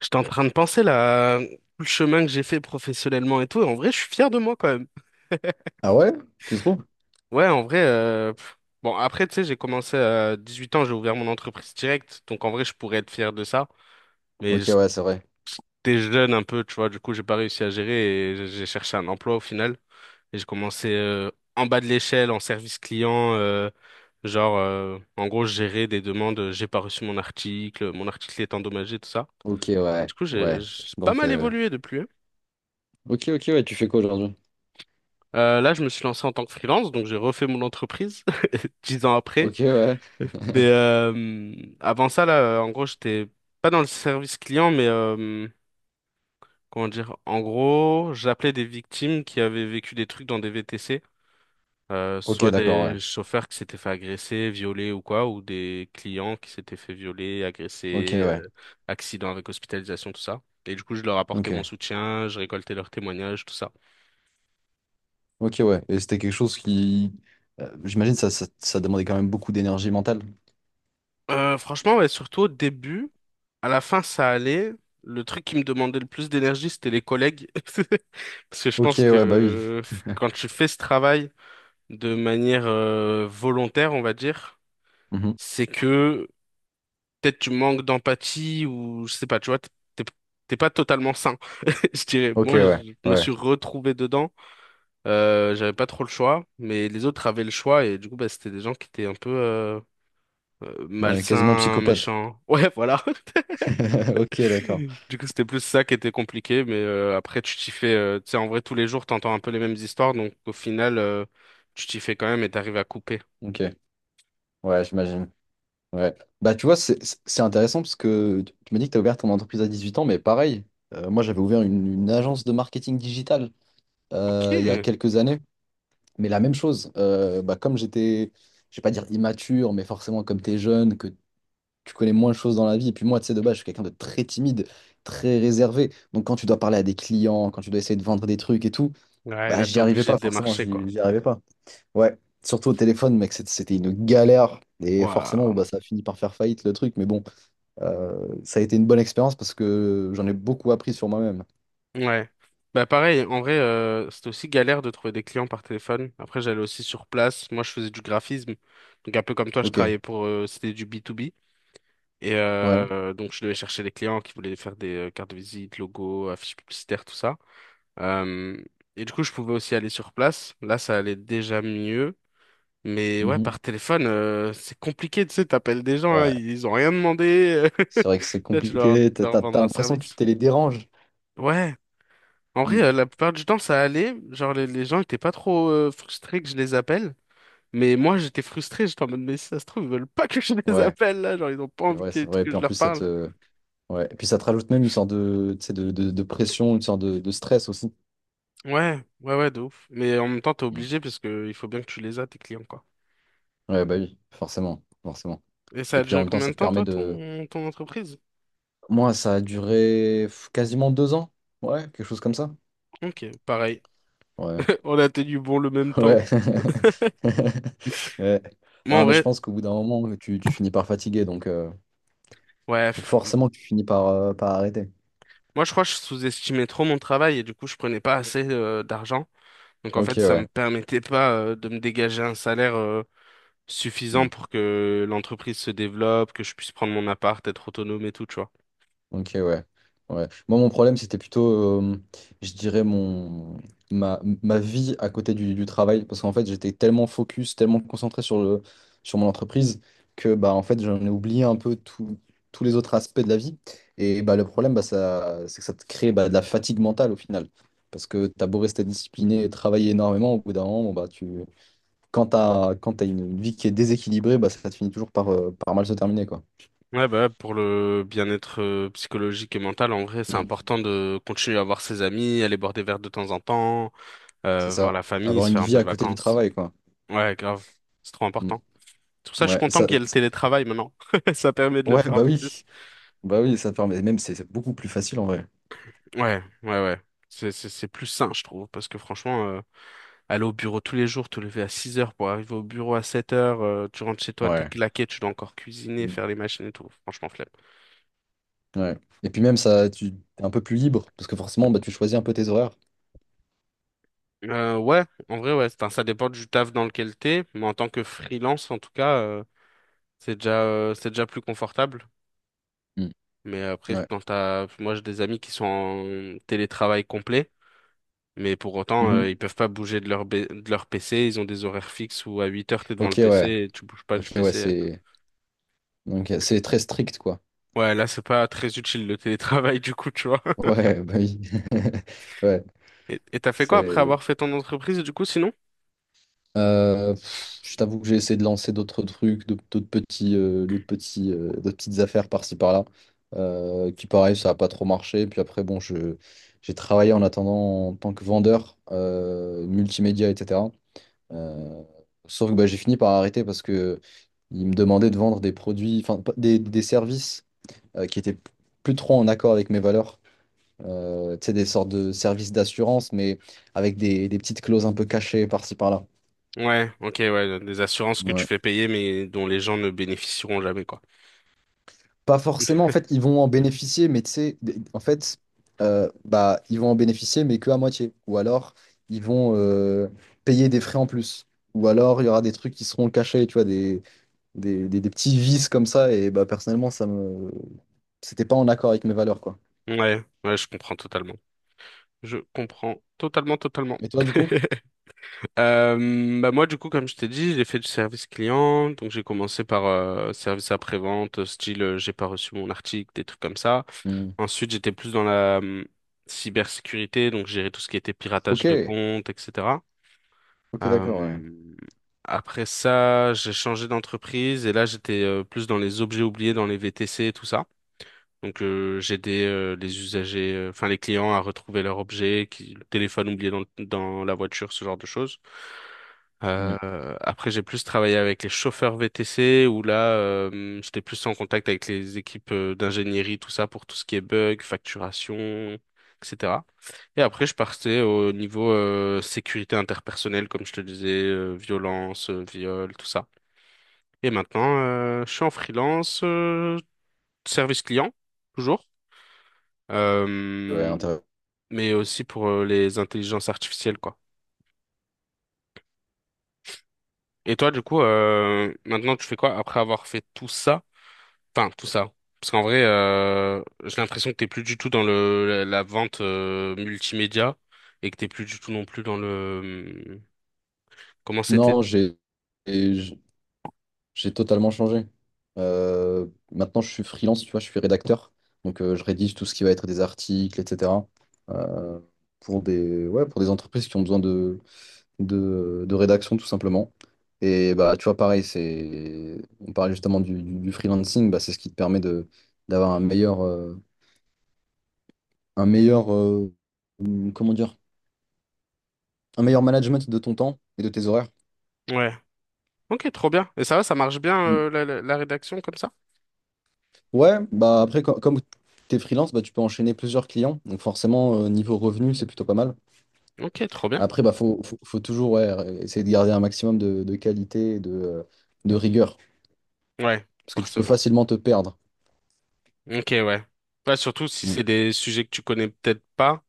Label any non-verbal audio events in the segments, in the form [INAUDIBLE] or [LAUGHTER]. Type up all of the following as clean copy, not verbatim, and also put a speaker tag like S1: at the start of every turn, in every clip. S1: J'étais en train de penser là, tout le chemin que j'ai fait professionnellement et tout, et en vrai, je suis fier de moi quand même.
S2: Ah ouais? Tu trouves?
S1: Ouais, en vrai, bon, après, tu sais, j'ai commencé à 18 ans, j'ai ouvert mon entreprise directe, donc en vrai, je pourrais être fier de ça. Mais
S2: Ok, ouais, c'est vrai.
S1: j'étais jeune un peu, tu vois, du coup, j'ai pas réussi à gérer et j'ai cherché un emploi au final. Et j'ai commencé en bas de l'échelle, en service client, genre, en gros, je gérais des demandes, j'ai pas reçu mon article est endommagé, tout ça.
S2: Ok,
S1: Et
S2: ouais,
S1: du coup, j'ai
S2: ouais.
S1: j'ai pas
S2: Donc,
S1: mal
S2: euh,
S1: évolué depuis, hein.
S2: ok, ok, ouais, tu fais quoi aujourd'hui?
S1: Là, je me suis lancé en tant que freelance, donc j'ai refait mon entreprise [LAUGHS] 10 ans après.
S2: Ok, ouais.
S1: Mais
S2: [LAUGHS]
S1: avant ça, là, en gros, j'étais pas dans le service client, mais comment dire, en gros, j'appelais des victimes qui avaient vécu des trucs dans des VTC,
S2: Ok,
S1: soit
S2: d'accord, ouais.
S1: des chauffeurs qui s'étaient fait agresser, violer ou quoi, ou des clients qui s'étaient fait violer,
S2: Ok,
S1: agresser,
S2: ouais.
S1: accident avec hospitalisation, tout ça. Et du coup, je leur apportais mon
S2: Ok.
S1: soutien, je récoltais leurs témoignages, tout ça.
S2: Ok, ouais. Et c'était quelque chose qui... j'imagine ça demandait quand même beaucoup d'énergie mentale.
S1: Franchement, ouais, surtout au début, à la fin, ça allait. Le truc qui me demandait le plus d'énergie, c'était les collègues. [LAUGHS] Parce que je
S2: Ok,
S1: pense que
S2: ouais, bah oui. [LAUGHS]
S1: quand tu fais ce travail de manière volontaire, on va dire,
S2: Mhm.
S1: c'est que peut-être tu manques d'empathie ou je sais pas, tu vois, t'es- t'es pas totalement sain. [LAUGHS] Je dirais,
S2: Ok,
S1: moi,
S2: ouais.
S1: je me
S2: Ouais.
S1: suis retrouvé dedans. J'avais pas trop le choix, mais les autres avaient le choix et du coup, bah, c'était des gens qui étaient un peu
S2: Ouais, quasiment
S1: malsains,
S2: psychopathe.
S1: méchants. Ouais, [LAUGHS] voilà.
S2: [LAUGHS] Ok, d'accord.
S1: Du coup, c'était plus ça qui était compliqué, mais après, tu t'y fais, tu sais, en vrai, tous les jours, t'entends un peu les mêmes histoires, donc au final, tu t'y fais quand même et t'arrives à couper.
S2: Ok. Ouais, j'imagine. Ouais. Bah, tu vois, c'est intéressant parce que tu m'as dit que tu as ouvert ton entreprise à 18 ans, mais pareil, moi j'avais ouvert une agence de marketing digital, il y a
S1: Ok.
S2: quelques années, mais la même chose. Bah, comme j'étais, je vais pas dire immature, mais forcément, comme tu es jeune, que tu connais moins de choses dans la vie, et puis moi, tu sais, de base, je suis quelqu'un de très timide, très réservé. Donc, quand tu dois parler à des clients, quand tu dois essayer de vendre des trucs et tout,
S1: Ouais,
S2: bah,
S1: là,
S2: j'y
S1: t'es
S2: arrivais
S1: obligé
S2: pas,
S1: de
S2: forcément,
S1: démarcher, quoi.
S2: j'y arrivais pas. Ouais, surtout au téléphone, mec, c'était une galère, et forcément, bon,
S1: Waouh.
S2: bah, ça a fini par faire faillite le truc, mais bon. Ça a été une bonne expérience parce que j'en ai beaucoup appris sur moi-même.
S1: Ouais. Bah, pareil, en vrai, c'était aussi galère de trouver des clients par téléphone. Après, j'allais aussi sur place. Moi, je faisais du graphisme. Donc, un peu comme toi, je
S2: Ok,
S1: travaillais pour, c'était du B2B. Et
S2: ouais.
S1: donc, je devais chercher les clients qui voulaient faire des cartes de visite, logos, affiches publicitaires, tout ça. Euh, et du coup, je pouvais aussi aller sur place. Là, ça allait déjà mieux. Mais ouais,
S2: Mhm.
S1: par téléphone, c'est compliqué, tu sais, t'appelles des gens, hein,
S2: Ouais,
S1: ils ont rien demandé.
S2: c'est vrai que
S1: [LAUGHS]
S2: c'est
S1: Là, tu dois
S2: compliqué.
S1: leur
S2: T'as
S1: vendre un
S2: l'impression que tu
S1: service.
S2: te les déranges.
S1: Ouais. En vrai,
S2: Mm.
S1: la plupart du temps, ça allait. Genre, les gens étaient pas trop frustrés que je les appelle. Mais moi, j'étais frustré. J'étais en mode, mais si ça se trouve, ils veulent pas que je les
S2: Ouais,
S1: appelle, là. Genre, ils ont pas
S2: c'est
S1: envie
S2: vrai,
S1: que,
S2: c'est vrai. Et
S1: que
S2: puis
S1: je
S2: en plus,
S1: leur
S2: ça
S1: parle.
S2: te... Ouais. Et puis ça te rajoute même une sorte de, tu sais, de pression, une sorte de stress aussi.
S1: Ouais, ouais, ouais, de ouf. Mais en même temps, t'es
S2: Mm.
S1: obligé parce que il faut bien que tu les as, tes clients, quoi.
S2: Ouais, bah oui, forcément, forcément.
S1: Et ça
S2: Et
S1: a
S2: puis en
S1: duré
S2: même temps,
S1: combien
S2: ça
S1: de
S2: te
S1: temps,
S2: permet
S1: toi,
S2: de...
S1: ton entreprise?
S2: Moi, ça a duré pff, quasiment deux ans. Ouais, quelque chose comme ça.
S1: Ok, pareil.
S2: Ouais.
S1: [LAUGHS] On a tenu bon le même temps.
S2: Ouais. [LAUGHS] Ouais.
S1: Moi, en
S2: Non, mais je
S1: vrai,
S2: pense qu'au bout d'un moment, tu finis par fatiguer, donc, euh,
S1: ouais.
S2: donc forcément, tu finis par, par arrêter.
S1: Moi, je crois que je sous-estimais trop mon travail et du coup, je prenais pas assez d'argent. Donc, en
S2: Ok,
S1: fait, ça
S2: ouais.
S1: me permettait pas de me dégager un salaire suffisant
S2: Hmm.
S1: pour que l'entreprise se développe, que je puisse prendre mon appart, être autonome et tout, tu vois.
S2: Ok, ouais. Ouais. Moi, mon problème, c'était plutôt, euh, je dirais, ma vie à côté du travail. Parce qu'en fait, j'étais tellement focus, tellement concentré sur le, sur mon entreprise que, bah, en fait, j'en ai oublié un peu tous les autres aspects de la vie. Et bah, le problème, bah, ça, c'est que ça te crée bah, de la fatigue mentale au final. Parce que t'as beau rester discipliné et travailler énormément, au bout d'un moment, bon, bah, tu, quand t'as une vie qui est déséquilibrée, bah, ça te finit toujours par, par mal se terminer, quoi.
S1: Ouais, bah, pour le bien-être psychologique et mental, en vrai, c'est
S2: Mm.
S1: important de continuer à voir ses amis, aller boire des verres de temps en temps,
S2: C'est
S1: voir
S2: ça.
S1: la famille,
S2: Avoir
S1: se
S2: une
S1: faire un
S2: vie
S1: peu de
S2: à côté du
S1: vacances.
S2: travail, quoi.
S1: Ouais, grave. C'est trop
S2: Mm.
S1: important. C'est pour ça que je suis
S2: Ouais,
S1: content qu'il y ait le télétravail maintenant. [LAUGHS] Ça permet de le
S2: ouais,
S1: faire un peu plus.
S2: bah oui, ça te permet. Même c'est beaucoup plus facile en vrai.
S1: Ouais, ouais, ouais. C'est plus sain, je trouve, parce que franchement, aller au bureau tous les jours, te lever à 6 heures pour arriver au bureau à 7 heures, tu rentres chez toi, t'es
S2: Ouais.
S1: claqué, tu dois encore cuisiner,
S2: Mm.
S1: faire les machines et tout. Franchement, flemme.
S2: Ouais. Et puis même ça, tu es un peu plus libre parce que forcément, bah tu choisis un peu tes horaires.
S1: Ouais, en vrai, ouais. Enfin, ça dépend du taf dans lequel t'es, mais en tant que freelance, en tout cas, c'est déjà plus confortable.
S2: Mm.
S1: Mais après,
S2: Ouais.
S1: moi, j'ai des amis qui sont en télétravail complet. Mais pour autant,
S2: Mhm.
S1: ils peuvent pas bouger de leur PC. Ils ont des horaires fixes où à 8 heures, t'es devant
S2: Ok,
S1: le PC
S2: ouais.
S1: et tu bouges pas du
S2: Ok, ouais,
S1: PC.
S2: c'est donc c'est très strict quoi.
S1: Ouais, là, c'est pas très utile le télétravail, [LAUGHS] du coup, tu vois.
S2: Ouais, bah oui. [LAUGHS] Ouais,
S1: Et t'as fait quoi après
S2: c'est.
S1: avoir fait ton entreprise, du coup, sinon?
S2: Je t'avoue que j'ai essayé de lancer d'autres trucs, d'autres petites affaires par-ci par-là, qui pareil, ça n'a pas trop marché. Puis après, bon, j'ai travaillé en attendant en tant que vendeur, multimédia, etc. Euh, Sauf que bah, j'ai fini par arrêter parce que ils me demandaient de vendre des produits, enfin des services, qui étaient plus trop en accord avec mes valeurs. Tu sais, des sortes de services d'assurance, mais avec des petites clauses un peu cachées par-ci par-là.
S1: Ouais, ok, ouais, des assurances que tu fais payer, mais dont les gens ne bénéficieront jamais, quoi.
S2: Pas forcément, en
S1: [LAUGHS]
S2: fait, ils vont en bénéficier, mais tu sais, en fait, bah, ils vont en bénéficier, mais que à moitié. Ou alors, ils vont payer des frais en plus. Ou alors, il y aura des trucs qui seront cachés, tu vois, des petits vices comme ça. Et bah, personnellement, ça me... C'était pas en accord avec mes valeurs, quoi.
S1: Ouais, ouais, je comprends totalement. Je comprends totalement, totalement.
S2: Et toi, du coup?
S1: [LAUGHS] Bah moi du coup comme je t'ai dit j'ai fait du service client, donc j'ai commencé par service après-vente style j'ai pas reçu mon article, des trucs comme ça.
S2: Hmm.
S1: Ensuite j'étais plus dans la cybersécurité, donc gérer tout ce qui était
S2: Ok,
S1: piratage de comptes etc.
S2: ok, d'accord, ouais.
S1: Euh, Après ça j'ai changé d'entreprise et là j'étais plus dans les objets oubliés dans les VTC et tout ça, donc j'aidais les usagers, enfin les clients à retrouver leur objet, qui, le téléphone oublié dans la voiture, ce genre de choses.
S2: Hmm.
S1: Après j'ai plus travaillé avec les chauffeurs VTC où là j'étais plus en contact avec les équipes d'ingénierie, tout ça pour tout ce qui est bug, facturation, etc. Et après je partais au niveau sécurité interpersonnelle, comme je te disais, violence, viol, tout ça. Et maintenant je suis en freelance, service client, toujours,
S2: Ouais,
S1: euh,
S2: intéressant.
S1: mais aussi pour les intelligences artificielles, quoi. Et toi, du coup, maintenant, tu fais quoi après avoir fait tout ça? Enfin, tout ça. Parce qu'en vrai, j'ai l'impression que t'es plus du tout dans la vente multimédia et que t'es plus du tout non plus dans le... Comment c'était?
S2: Non, j'ai... J'ai totalement changé. Maintenant, je suis freelance, tu vois, je suis rédacteur. Donc, je rédige tout ce qui va être des articles, etc. euh, pour des, ouais, pour des entreprises qui ont besoin de, de rédaction, tout simplement. Et bah, tu vois, pareil, c'est, on parlait justement du, du freelancing, bah, c'est ce qui te permet de, d'avoir un meilleur, un meilleur, euh, comment dire, un meilleur management de ton temps et de tes horaires.
S1: Ouais. Ok, trop bien. Et ça va, ça marche bien, la rédaction comme ça?
S2: Ouais, bah après, comme tu es freelance, bah, tu peux enchaîner plusieurs clients. Donc forcément, niveau revenu, c'est plutôt pas mal.
S1: Ok, trop bien.
S2: Après, bah, faut toujours ouais, essayer de garder un maximum de qualité et de rigueur.
S1: Ouais,
S2: Parce que tu peux
S1: forcément.
S2: facilement te perdre.
S1: Ok, ouais. Ouais, surtout si
S2: Mm.
S1: c'est des sujets que tu connais peut-être pas,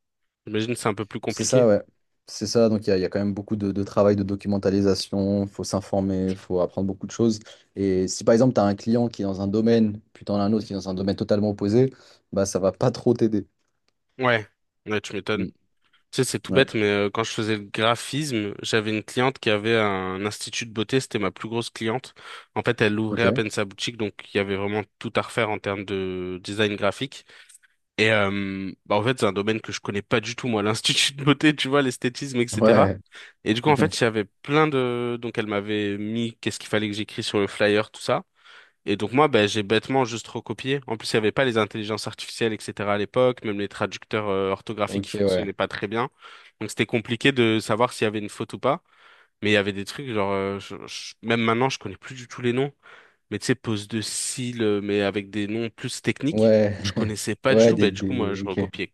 S1: j'imagine que c'est un peu plus
S2: C'est
S1: compliqué.
S2: ça, ouais. C'est ça. Donc il y a quand même beaucoup de travail de documentalisation. Faut s'informer, faut apprendre beaucoup de choses. Et si par exemple, tu as un client qui est dans un domaine, puis tu en as un autre qui est dans un domaine totalement opposé, bah ça va pas trop t'aider.
S1: Ouais, ouais, tu m'étonnes.
S2: Mm.
S1: Tu sais, c'est tout
S2: Ouais.
S1: bête, mais quand je faisais le graphisme, j'avais une cliente qui avait un institut de beauté, c'était ma plus grosse cliente. En fait, elle ouvrait à
S2: Ok.
S1: peine sa boutique, donc il y avait vraiment tout à refaire en termes de design graphique. Et bah, en fait, c'est un domaine que je connais pas du tout, moi, [LAUGHS] l'institut de beauté, tu vois, l'esthétisme, etc.
S2: Ouais.
S1: Et du coup, en
S2: [LAUGHS]
S1: fait, il y avait plein de... Donc, elle m'avait mis qu'est-ce qu'il fallait que j'écris sur le flyer, tout ça. Et donc moi, ben, j'ai bêtement juste recopié. En plus, il n'y avait pas les intelligences artificielles, etc. à l'époque, même les traducteurs orthographiques qui
S2: Ok,
S1: fonctionnaient
S2: ouais.
S1: pas très bien. Donc c'était compliqué de savoir s'il y avait une faute ou pas. Mais il y avait des trucs, genre, même maintenant, je connais plus du tout les noms. Mais tu sais, pose de cils, mais avec des noms plus techniques,
S2: Ouais,
S1: où je connaissais
S2: [LAUGHS]
S1: pas du
S2: ouais,
S1: tout. Ben, du coup, moi,
S2: des...
S1: je
S2: Ok,
S1: recopiais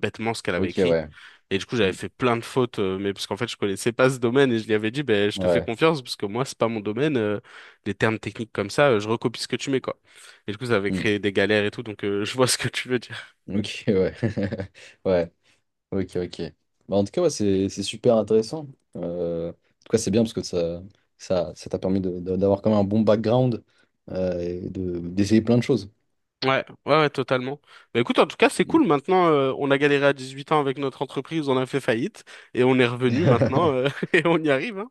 S1: bêtement ce qu'elle avait
S2: ok,
S1: écrit.
S2: ouais.
S1: Et du coup, j'avais
S2: Mm.
S1: fait plein de fautes, mais parce qu'en fait, je connaissais pas ce domaine et je lui avais dit, ben, je te fais
S2: Ouais,
S1: confiance parce que moi, c'est pas mon domaine, les termes techniques comme ça, je recopie ce que tu mets, quoi. Et du coup, ça avait
S2: Mm.
S1: créé des galères et tout, donc [LAUGHS] je vois ce que tu veux dire.
S2: ok, ouais. [LAUGHS] Ouais, ok, ok. Bah, en tout cas, ouais, c'est super intéressant. En tout cas, c'est bien parce que ça t'a permis d'avoir quand même un bon background, et de d'essayer plein de choses.
S1: Ouais, ouais, ouais, totalement. Bah écoute, en tout cas, c'est
S2: Mm.
S1: cool. Maintenant, on a galéré à 18 ans avec notre entreprise, on a fait faillite et on est revenu maintenant
S2: [LAUGHS]
S1: [LAUGHS] et on y arrive, hein.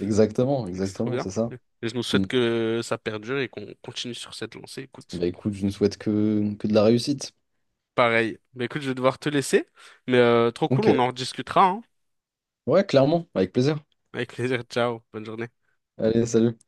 S2: Exactement,
S1: Donc, c'est trop
S2: exactement,
S1: bien.
S2: c'est ça.
S1: Et je nous souhaite
S2: Mm.
S1: que ça perdure et qu'on continue sur cette lancée. Écoute,
S2: Bah écoute, je ne souhaite que de la réussite.
S1: pareil. Bah écoute, je vais devoir te laisser, mais trop cool,
S2: Ok,
S1: on en rediscutera, hein.
S2: ouais, clairement, avec plaisir.
S1: Avec plaisir, ciao, bonne journée.
S2: Allez, salut.